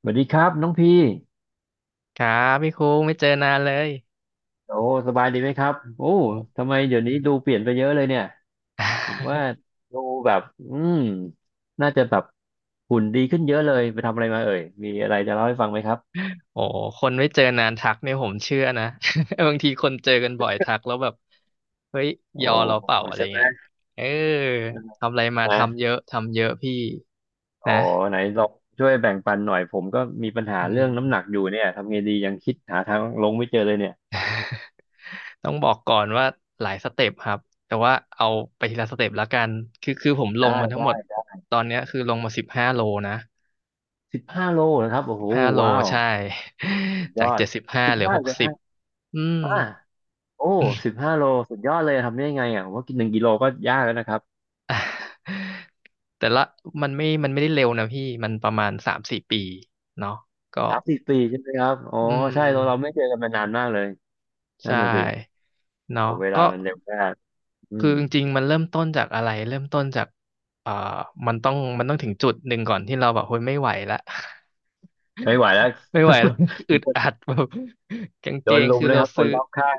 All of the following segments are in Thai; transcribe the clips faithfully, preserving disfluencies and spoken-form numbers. สวัสดีครับน้องพี่ครับพี่คุ้งไม่เจอนานเลยโอ้สบายดีไหมครับโอ้โอ้ ทำไมเดี๋ยวนี้ดูเปลี่ยนไปเยอะเลยเนี่ยผมว่า ดูแบบอืมน่าจะแบบหุ่นดีขึ้นเยอะเลยไปทำอะไรมาเอ่ยมีอะไรจะเล่าให้ฟังไหมครับโอ้คนไม่เจอนานทักเนี่ยผมเชื่อนะ บางทีคนเจอกันบ่อยทักแล้วแบบเฮ้ยโอ้ยอเราเปล่าอะไรใช่ไหมเงี้ยเออทำอะไรมาทำนะเยอะทำเยอะพี่โอ้นะไหนลองช่วยแบ่งปันหน่อยผมก็มีปัญหาอืเรื่มองน้ำหนักอยู่เนี่ยทำไงดียังคิดหาทางลงไม่เจอเลยเนี่ยต้องบอกก่อนว่าหลายสเต็ปครับแต่ว่าเอาไปทีละสเต็ปแล้วกันคือคือผมลงได้มาทั้งหมได้ดตอนเนี้ยคือลงมาสิบห้าโลนะสิบห้าโลนะครับโอ้สิโหบห้าโลว้าวใช่ สุด ยจาอกดเจ็ดสิบห้าสิบเหลือห้าหกเลยสิบฮะอืม อ่า โอ้สิบห้าโล สุดยอดเลย ทำได้ยังไงอ่ะผมว่ากินหนึ่งกิโลก็ยากแล้วนะครับ แต่ละมันไม่มันไม่ได้เร็วนะพี่ มันประมาณสามสี่ปีเนาะก็สามสี่ปีใช่ไหมครับอ๋ออืมใช่เราเราไม่เจอกันมานานมากเลย นั่ใช่นน่ะสิ โอ้เนาะเวลาก็มันเร็วมากอืคือมจริงๆมันเริ่มต้นจากอะไร เริ่มต้นจากเอ่อมันต้องมันต้องถึงจุดหนึ่งก่อนที่เราแบบเฮ้ยไม่ไหวละ ไม่ไหวแล้ว ไม่ไหวแล้ว อึมีดคนอัด แบบกางโดเกนงลุมคือเลยเราครับคนซื้อรอบข้าง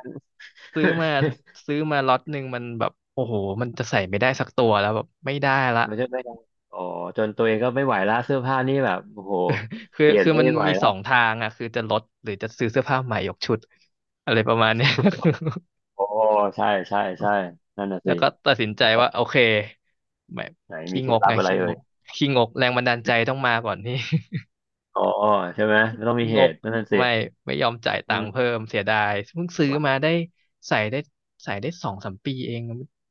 ซื้อมา ซื้อมาล็อตหนึ่งมันแบบโอ้โหมันจะใส่ไม่ได้สักตัวแล้วแบบไม่ได้ละ ไม่ใช่ไหมครับอ๋อจนตัวเองก็ไม่ไหวแล้ว เสื้อผ้านี่แบบโอ้โห คือเปลี่ยนคือมันไม่ไหวมีแล้สว องทางอ่ะคือจะลดหรือจะซื้อเสื้อผ้าใหม่ยกชุดอะไรประมาณเนี้ย โอ้ ใช่ใช่ใช่นั่นน่ะแล้สิวก็ตัดสินใจว่าโอเคไม่ไหนขี้มีเคงล็ดกลัไงบอะไรขี้งเอ่ยกขี้งกแรงบันดาลใจต้องมาก่อนนี่ อ๋อใช่ไหมไม่ต้องมีขี้เหงกตุนั่นน่ะสิไม่ไม่ยอมจ่ายอืตังค์ม เพิ่มเสียดายเพิ่งซื้อมาได้ใส่ได้ใส่ได้สองสามปีเอง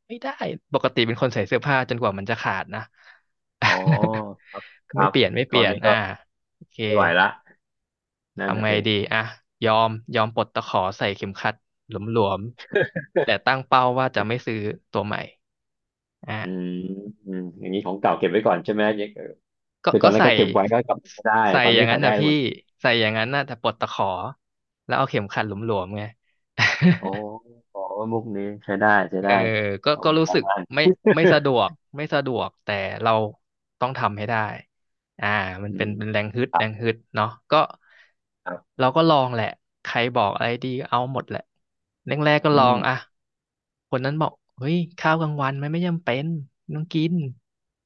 ไม่ได้ปกติเป็นคนใส่เสื้อผ้าจนกว่ามันจะขาดนะ อ๋อครับค ไม่รับเปลี่ยนไม่คเปราลี่วยนนี้ก็อ่าโอเค ไม่ไหวละนั่นทำน่ะไงสิดีอ่ะยอมยอมปลดตะขอใส่เข็มขัดหลวมๆแต่ตั้งเป้าว่าจะไม่ซื้อตัวใหม่อ่ะอืมอืมอย่างนี้ของเก่าเก็บไว้ก่อนใช่ไหมยังเออก็คือตอก็นนั้นใส่ก็เก็บไว้ก็กลับมาใช้ได้ใส่ตอนอนี้ย่างนั้ใส่นได้นะหพี่มดใส่อย่างนั้นนะแต่ปลดตะขอแล้วเอาเข็มขัดหลวมๆไง โอ้ โอ้มุกนี้ใช้ได้ใช้เออได้ก็เอาก็ไปรู้ใช้สึกได้ ไม่ไม่สะดวกไม่สะดวก แต่เราต้องทำให้ได้อ่ามั นอืเป็นมเป็นแรงฮึดครัแรบงฮึดเนาะก็ครับเราก็ลองแหละ ใครบอกอะไรดีก็เอาหมดแหละแรกๆก็อืลอมงอ่ะคนนั้นบอกเฮ้ยข้าวกลางวันมันไม่จำเป็นไม่ต้องกิน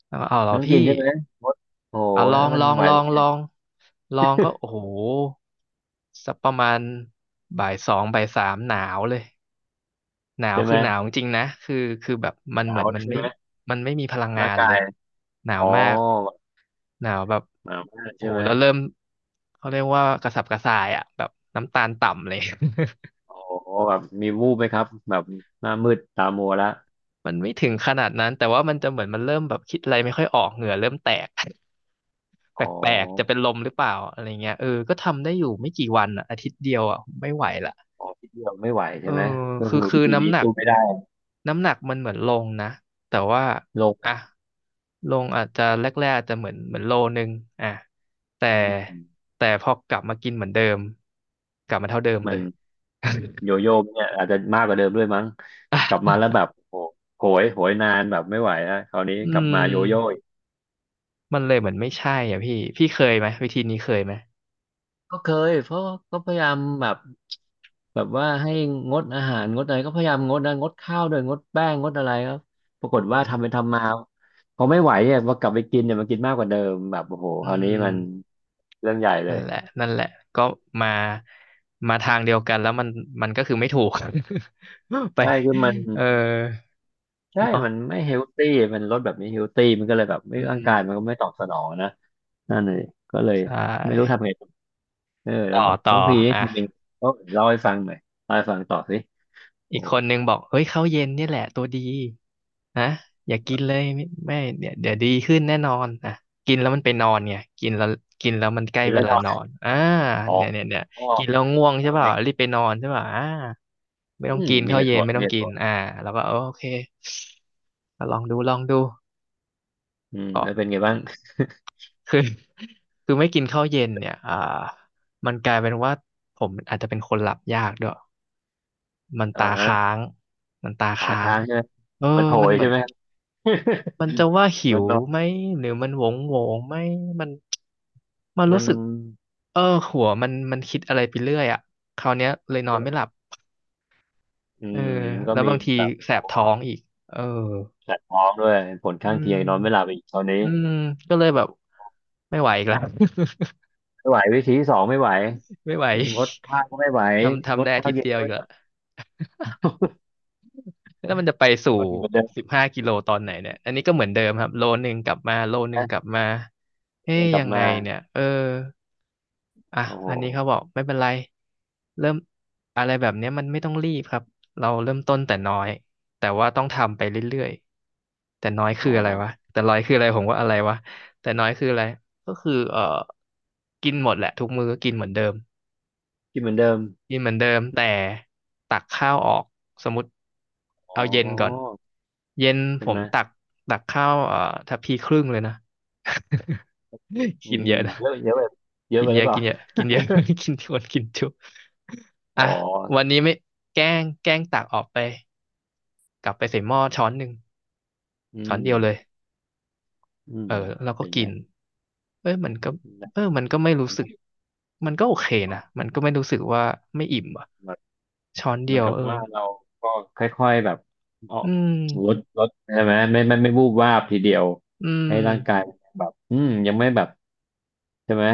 เอาเอาเหรอน้องกิพี่นใช่ไหมมดโอ้เอาลยองมัลนอง ไหวลอง ลอง ลองก็โอ้โห สักประมาณบ่ายสองบ่ายสามหนาวเลย หนาวใช่ไหคือมหนาวจริงๆนะคือคือแบบมันหเหนามือวนมันใช่ไม่ไหมมันไม่มีพลังงาร่างนกาเลยยหนาอ๋วอมากแบบหนาวแบบหนาวมากโอ้ใช่โหไหมแล้วเริ่มเขาเรียกว่ากระสับกระส่ายอ่ะแบบน้ำตาลต่ำเลย โอ้แบบมีวูบไหมครับแบบหน้ามืดตามัวละ มันไม่ถึงขนาดนั้นแต่ว่ามันจะเหมือนมันเริ่มแบบคิดอะไรไม่ค่อยออกเหงื่อเริ่มแตก แอ๋อ ปลกๆจะเป็นลมหรือเปล่าอะไรเงี้ยเออก็ทำได้อยู่ไม่กี่วันอ่ะอาทิตย์เดียวอ่ะไม่ไหวละอ๋อพี่เดียวไม่ไหวเอใช่อไหมก็คือคือคืวิอธีนี้น้ำหนัก สู้ไม่ได้น้ำหนักมันเหมือนลงนะแต่ว่าโลกอ่ะลงอาจจะแรกๆอาจจะเหมือนเหมือนโลนึงอ่ะแต่แต่พอกลับมากินเหมือนเดิมกลับมาเท่าเดิมมัเลนย โย อโย่เนี่ยอาจจะมากกว่าเดิมด้วยมั้งกลั่ะบมาแล้วแบบโอ้โหยโหยนานแบบไม่ไหวแล้วคราวนี้อืกลับมมาโยโย่อีกมันเลยเหมือนไม่ใช่อ่ะพี่พี่เคยไหมวิธีนี้เคยไหมก็เคยเพราะก็พยายามแบบแบบว่าให้งดอาหารงดอะไรก็พยายามงดนะงดข้าวด้วยงดแป้งงดอะไรครับปรากฏอืว่ามทำไปทำมาพอไม่ไหวเนี่ยพอกลับไปกินเนี่ยมันกินมากกว่าเดิมแบบโอ้โหคอืราวนี้มันมเรื่องใหญ่เลนั่นยแหละนั่นแหละก็มามาทางเดียวกันแล้วมันมันก็คือไม่ถูก ไปใช่คือมัน เออใช่เนาะมันไม่เฮลตี้มันลดแบบไม่เฮลตี้มันก็เลยแบบไม่อืร่างมกายมันก็ไม่ตอบสนองนะ นั่นเลยก็เลยใชไม่รู้่ทำไงต่อเออแล้ต่อวต่อน้องพีนี่อ่ะ ทำเองก็เล่าให้ฟังหน่อยเล่าให้ฟังต่อสิอีโอ้กคนนึงบอกเฮ้ยข้าวเย็นเนี่ยแหละตัวดีนะอย่ากินเลยไม่ไม่เดี๋ยวเดี๋ยวดีขึ้นแน่นอนอ่ะกินแล้วมันไปนอนไงกินแล้วกินแล้วมันใกล้กินเวแล้วลานอนนอนอ่าอ๋อเนี่ยเนี่ยเนี่ยอ๋อกินแล้วง่วงใช่เพิ่มเปไหล่ามรีบไปนอนใช่ป่าอ่าไม่ต้ออืงมกินมีข้าเหวตุเย็ผนลไม่มีต้องเหกิตุผนลอ่าแล้วก็เออโอเคก็ลองดูลองดูอืมก็แล้วเป็นไงอืบ้างมคือ คือไม่กินข้าวเย็นเนี่ยอ่ามันกลายเป็นว่าผมอาจจะเป็นคนหลับยากด้วย มันอ่าตาฮะค้างมันตาขาค้างค้างใช่ไหม เออมันโหมันยเหมือใช่นไหม มันจะว่า หิมันวนอไหมนหรือมันโหวงโหวงไหมมันมันมัรู้นสึกเออหัวมันมันคิดอะไรไปเรื่อยอ่ะคราวเนี้ยเลยนอนไม่หลับอืเออมก็แล้วมีบางทีแบบแสโอ้บโหท้องอีกเออแสบท้องด้วย ผลอืข้างเคียงนอนไม่หลับมอีกตอนนี้อืมก็เลยแบบไม่ไหวอีกแล้ว ไม่ไหววิธีที่สองไม่ไหว ไม่ไหวงดข้าวก็ไม่ไหวทำงทำดได้อาข้าทิวตย์เย็นเดียวก็อีกไม่ไหแล้ว ว แล้วมันจะไปสู่ก็กินเหมือนเดิมสิบห้ากิโลตอนไหนเนี่ยอันนี้ก็เหมือนเดิมครับโลนึงกลับมาโลนึงนะกลับมาเอ๊เดิยนกลัยับงไงมาเนี่ยเอออ่ะโอ้โหอันนี้เขาบอกไม่เป็นไรเริ่มอะไรแบบเนี้ยมันไม่ต้องรีบครับเราเริ่มต้นแต่น้อยแต่ว่าต้องทำไปเรื่อยๆแต่น้อยคือโอ้อะไรวะแต่น้อยคืออะไรผมว่าอะไรวะแต่น้อยคืออะไรก็คือเอ่อกินหมดแหละทุกมื้อก็กินเหมือนเดิม กินเหมือนเดิมกินเหมือนเดิมแต่ตักข้าวออกสมมติอ๋อเอาเย็นก่อนเย็นผใช่ไหมมตักตักข้าวเอ่อทัพพีครึ่งเลยนะ อืกินมเยอะนะเยอะเยอะไปเยอะกิไปนหเยรืออะเปกิล่านเยอะกินเยอะ กินทวนกินจุอ๋อ่ะอวันนี้ไม่แกล้งแกล้งตักออกไปกลับไปใส่หม้อช้อนหนึ่งอืช้อนมเดียวเลยอืเอมอเราก็เป็นกิไงนเอ้ยมันก็เออมันก็ไม่รู้ทำสึให้กมันก็โอเคอ๋อนะมันก็ไม่รู้สึกว่าไม่อิ่มอ่ะแบบช้อนเหเดีมือยนวกับเออ ว่าเราก็ค่อยๆแบบอ๋ออืมลดลดใช่ไหมไม่ไม่ไม่วูบวาบทีเดียวอืให้ร่างกายมแบบอืมยังไม่แบบใช่ไหม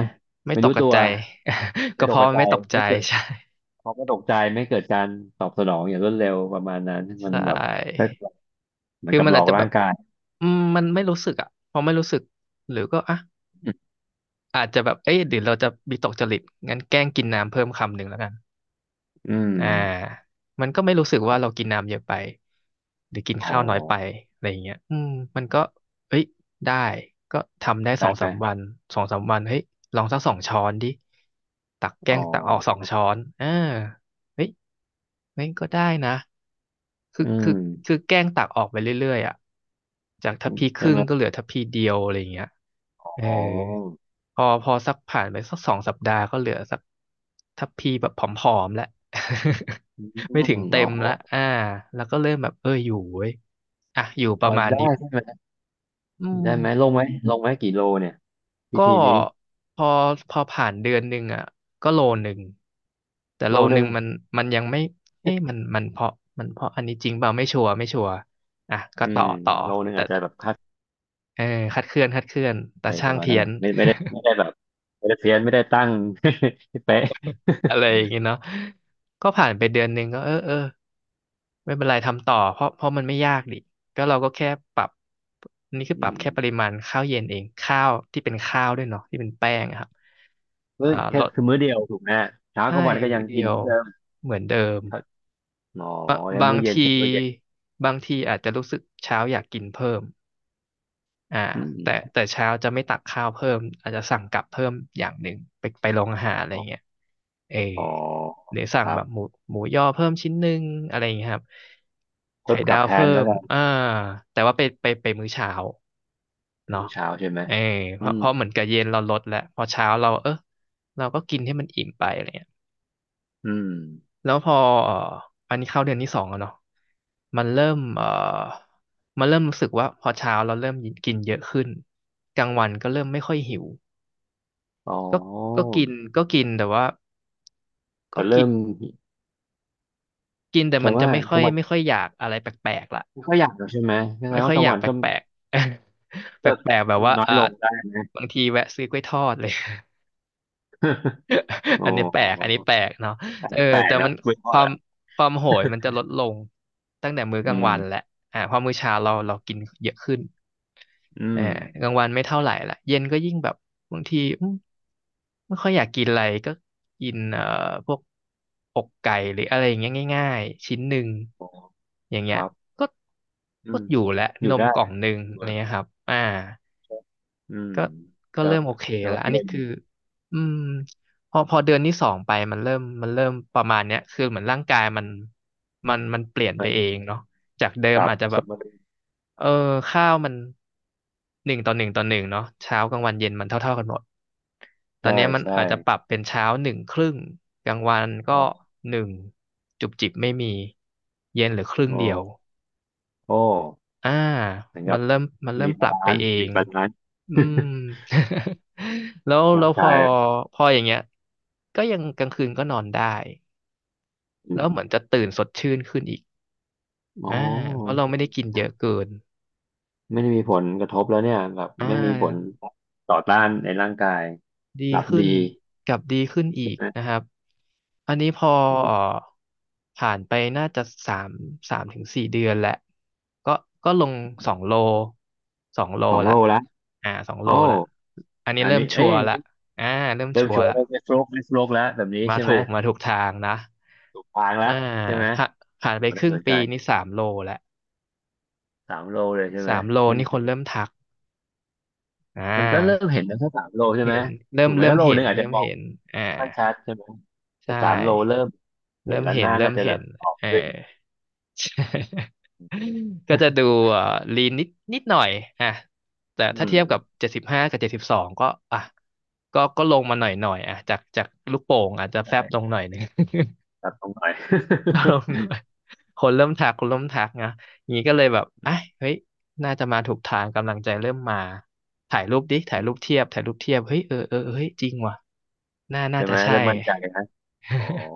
ไม่ไม่ตรู้กกตัระวใจ ไม่ก็ตเพกราะมันใจไม่ตกใจ ไม่เกิด ใช่เขาก็ตกใจไม่เกิดการตอบสนองอย่างรวดเร็วประมาณนั้นใชมันแบบ่เหมือนคือกับมันหลออาจกจะแบร่าบงกายอืมมันไม่รู้สึกอ่ะพอไม่รู้สึก หรือก็อ่ะอาจจะแบบเอ้ยเดี๋ยวเราจะมีตกจริตงั้นแกล้งกินน้ำเพิ่มคำหนึ่งแล้วกันอืมอ่ามันก็ไม่รู้สึกคว่ารัเราบกินน้ำเยอะไปหรือกินอ๋อข้าวน้อยไปอะไรอย่างเงี้ยอืมมันก็เอ้ยได้ก็ทำได้สอได้งไหสามมวันสองสามวันเฮ้ยลองสักสองช้อนดิตักแกล้อ๋องตักออกสองช้อนเออเฮ้ย เฮ้ยก็ได้นะ คือือคือมคือแกล้งตักออกไปเรื่อยๆอ่ะจากทัพพีคใช่รึ่งไหมก็เหลือทัพพีเดียวอะไรอย่างเงี้ยเอออ๋อพอพอสักผ่านไปสักสองสัปดาห์ก็เหลือสักทัพพีแบบผอมๆแล้ว อืม โอ้ไม่ถึงเต็มแล้วโหอ่าแล้วก็เริ่มแบบเอออยู่เว้ยอ่ะอยู่ปอ๋อระมาณได้นี้ใช่ไหมอืม ได้ไหมลงไหมลงไหมกี่โลเนี่ยวิก็ธีนี้พอพอผ่านเดือนหนึ่งอ่ะก็โลหนึ่งแต่โลโลหหนึ่นึ่งงมันมันยังไม่เอ๊ะมันมันเพราะมันเพราะอันนี้จริงเปล่าไม่ชัวร์ไม่ชัวร์อ่ะก็อืต่อมต่อโลหนึ่งแต่อาจจะแบบคาดเออคัดเคลื่อนคัดเคลื่อนไปแต่ปช่างระมาณเพี้นั้นยน อ่ะไม่ไม่ได้ไม่ได้แบบไม่ได้เพี้ยนไม่ได้ตั้ง ให้เป๊ะ อะไรอย่างเงี้ยเนาะก็ผ่านไปเดือนหนึ่งก็เออเออไม่เป็นไรทำต่อเพราะเพราะมันไม่ยากดิก็เราก็แค่ปรับอันนี่คืออืปรับแค่ปมริมาณข้าวเย็นเองข้าวที่เป็นข้าวด้วยเนาะที่เป็นแป้งอะครับมื้ออ่าแค่ลดคือมื้อเดียวถูกไหมเช้ากใช่ลางวันก็ยัมื้งอเดีกินยเหวมือนเดิม เหมือนเดิม อ๋อบะแล้วบางมื้อเย็นทีแค่มื้อเย็นบางทีอาจจะรู้สึกเช้าอยากกินเพิ่มอ่าอืแต่แต่มเช้าจะไม่ตักข้าวเพิ่มอาจจะสั่งกลับเพิ่มอย่างหนึ่งไปไปโรงอาหารอะไรอ๋เงี้อยเอออ๋อหรือสั่คงรัแบบบหมูหมูย่อเพิ่มชิ้นหนึ่งอะไรเงี้ยครับเพิ่ไข่มกดาลับวแทเพิ่นแล้วมกัอ่านแต่ว่าไปไปไปมื้อเช้าเป็นเนาะมื้อเช้าใช่ไหมเออเพอืราะมเพราะเหมือนกับเย็นเราลดแล้วพอเช้าเราเออเราก็กินให้มันอิ่มไปอะไรเงี้ย อืมแล้วพอเอ่ออันนี้เข้าเดือนที่สองแล้วเนาะมันเริ่มเอ่อมันเริ่มรู้สึกว่าพอเช้าเราเริ่มกินเยอะขึ้นกลางวันก็เริ่มไม่ค่อยหิวอ๋อก็ก็กินก็กินแต่ว่าก็แต่กิเริ่นมกินแต่แต่มันจะว่าไม่กค่อลายงวันไม่ค่อยอยากอะไรแปลกๆละก็อยากแล้วใช่ไหมแสดไม่งค่ว่าอยกลาองยากวันแปก็ลกๆ แปเลิกลกๆแบบว่าน้อยอ่าลงได้ไหม บางทีแวะซื้อกล้วยทอดเลย โอ้ อันนี้แป โลกอันนี้แปลหกเนาะอันเออนี้แปลแต่กมันะนไม่พคอวามละ ความโห ยมันจะลดลงตั้งแต่มื้อกอืลางมวันแหละอ่าเพอมื้อเช้าเราเรากินเยอะขึ้นอืเออมกลางวันไม่เท่าไหร่ละเย็นก็ยิ่งแบบบางทีอืมไม่ค่อยอยากกินอะไรก็กินเอ่อพวกอกไก่หรืออะไรอย่างเงี้ยง่ายๆชิ้นหนึ่งอ๋ออย่างคเงี้ยรับก็อืก็มอยู่และอนยู่มได้กล่องหนึ่งอยู่อะไรเงี้ยอะครับอ่า อืมก็ก็แล้วเริ่มโอเคแล้วแล้วอันเย็นี้นคืออืมพอพอเดือนที่สองไปมันเริ่มมันเริ่มประมาณเนี้ยคือเหมือนร่างกายมันมันมันเปลี่ยนไปมันเองเนาะจากเดิปมรับอาจจะแบสบมดุลเออข้าวมันหนึ่งต่อหนึ่งต่อหนึ่งเนาะเช้ากลางวันเย็นมันเท่าเท่ากันหมดตอนใช่เนี้ยมันใช่อาจจะปรับเป็นเช้าหนึ่งครึ่งกลางวันก็อ๋อ หนึ่งจุบจิบไม่มีเย็นเหรือครึ่งอ๋อเดียวโอ้อ่าเหมือนมักันบเริ่มมันเริ่รีมปบารับไปลานเอซ์รีง บาลานซ์ อืม แล้ว ร่าแล้งวพกาอยพออย่างเงี้ยก็ยังกลางคืนก็นอนได้อืแล้มวเหมือนจะตื่นสดชื่นขึ้นอีกอ๋ออ่าเพราะเราไม่ได้กินเยอะเกินไม่ได้มีผลกระทบแล้วเนี่ยแบบอ่ไม่มีผลาต่อต้านในร่างกายดีหลับขึ้นดีกับดีขึ้นอีใช่กไหมนะครับอันนี้พอโอเอ่อ้ผ่านไปน่าจะสามสามถึงสี่เดือนแหละก็ก็ลงสองโลสองโลสองละโลแล้วอ่าสองโลโอ้ละอันนี้อันเริ่มนี้เอ้ชัยวร์ละอ่าเริ่มเริ่ชัมวร์ชัวร์ละได้ไม่ฟลกได้โฟลกแล้วแบบนี้มาใช่ไหถูมกมาถูกทางนะ ถูกทางแล้วอ่าใช่ไหมผ่าผ่านไปคน่ารึ่งสนใจปีนี่สามโลแล้วสามโลเลยใช่ไหมสามโลเพิ่งนี่เปคลี่นยเริ่มนทักอ่มันก็เริ่ามเห็นแล้วแค่สามโลใช่ไหมเห็นเริ่ถูมกไหมเริ่มถ้าโลเห็นึนงอาจเริ่จะมมองเห็นอ่าไม่ค่อยชัดใช่ไหมใชแต่สามโล่เริ่ม เห็นเริ่มแล้วหเห็นน้าเริ่น่ามจะแบเห็บนออกเออ ด้วย ก็จะดูเอ่อลีนนิดนิดหน่อยอ่ะแต่อืถ้าเทีมยบกับเจ็ดสิบห้ากับเจ็ดสิบสองก็อ่ะก็ก็ลงมาหน่อยหน่อยอ่ะจากจากลูกโป่งอาจจะแฟบลงใช่หน่อยหนึ่ง ปรับตรงหน่อย ล งหน่อยคนเริ่มทักคนเริ่มทักนะอย่างนี้ก็เลยแบบอ่ะเฮ้ยน่าจะมาถูกทางกำลังใจเริ่มมาถ่ายรูปดิถ่ายรูปเทียบถ่ายรูปเทียบเฮ้ยเออเออเออเฮ้ยจริงว่ะน่าน่าใช่จะไหมใช่ เริ่มมั่นใจนะอ๋อ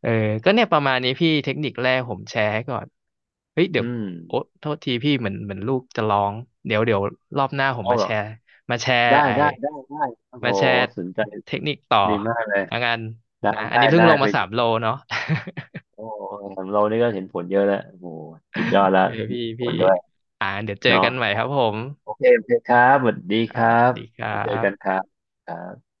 เออก็เนี่ยประมาณนี้พี่เทคนิคแรกผมแชร์ให้ก่อนเฮ้ยเดี๋ยอืวมโอ๊ะโทษทีพี่เหมือนเหมือนลูกจะร้อง เดี๋ยวเดี๋ยวรอบหน้าผมเอามาเหรแชอ ร์มาแชร์ได้ ไอได้ ได้ ได้ โอ้โหมาแชร์สนใจเทคนิคต่อดีมากเลย ละกันได้ นะอันได้นี้เพิ่ได้งลงไปมาสามโลเนาะ โอ้ของเรานี่ก็เห็นผลเยอะแล้วโอ้โหสุดยอดแล้วเออพี่มีผพี่ลด้วยอ่าเดี๋ยวเจอเนาะกันใหม่ครับผมโอเคโอเคครับสวัสดีคครัรับบดีครัไปเจอกันบครับครับ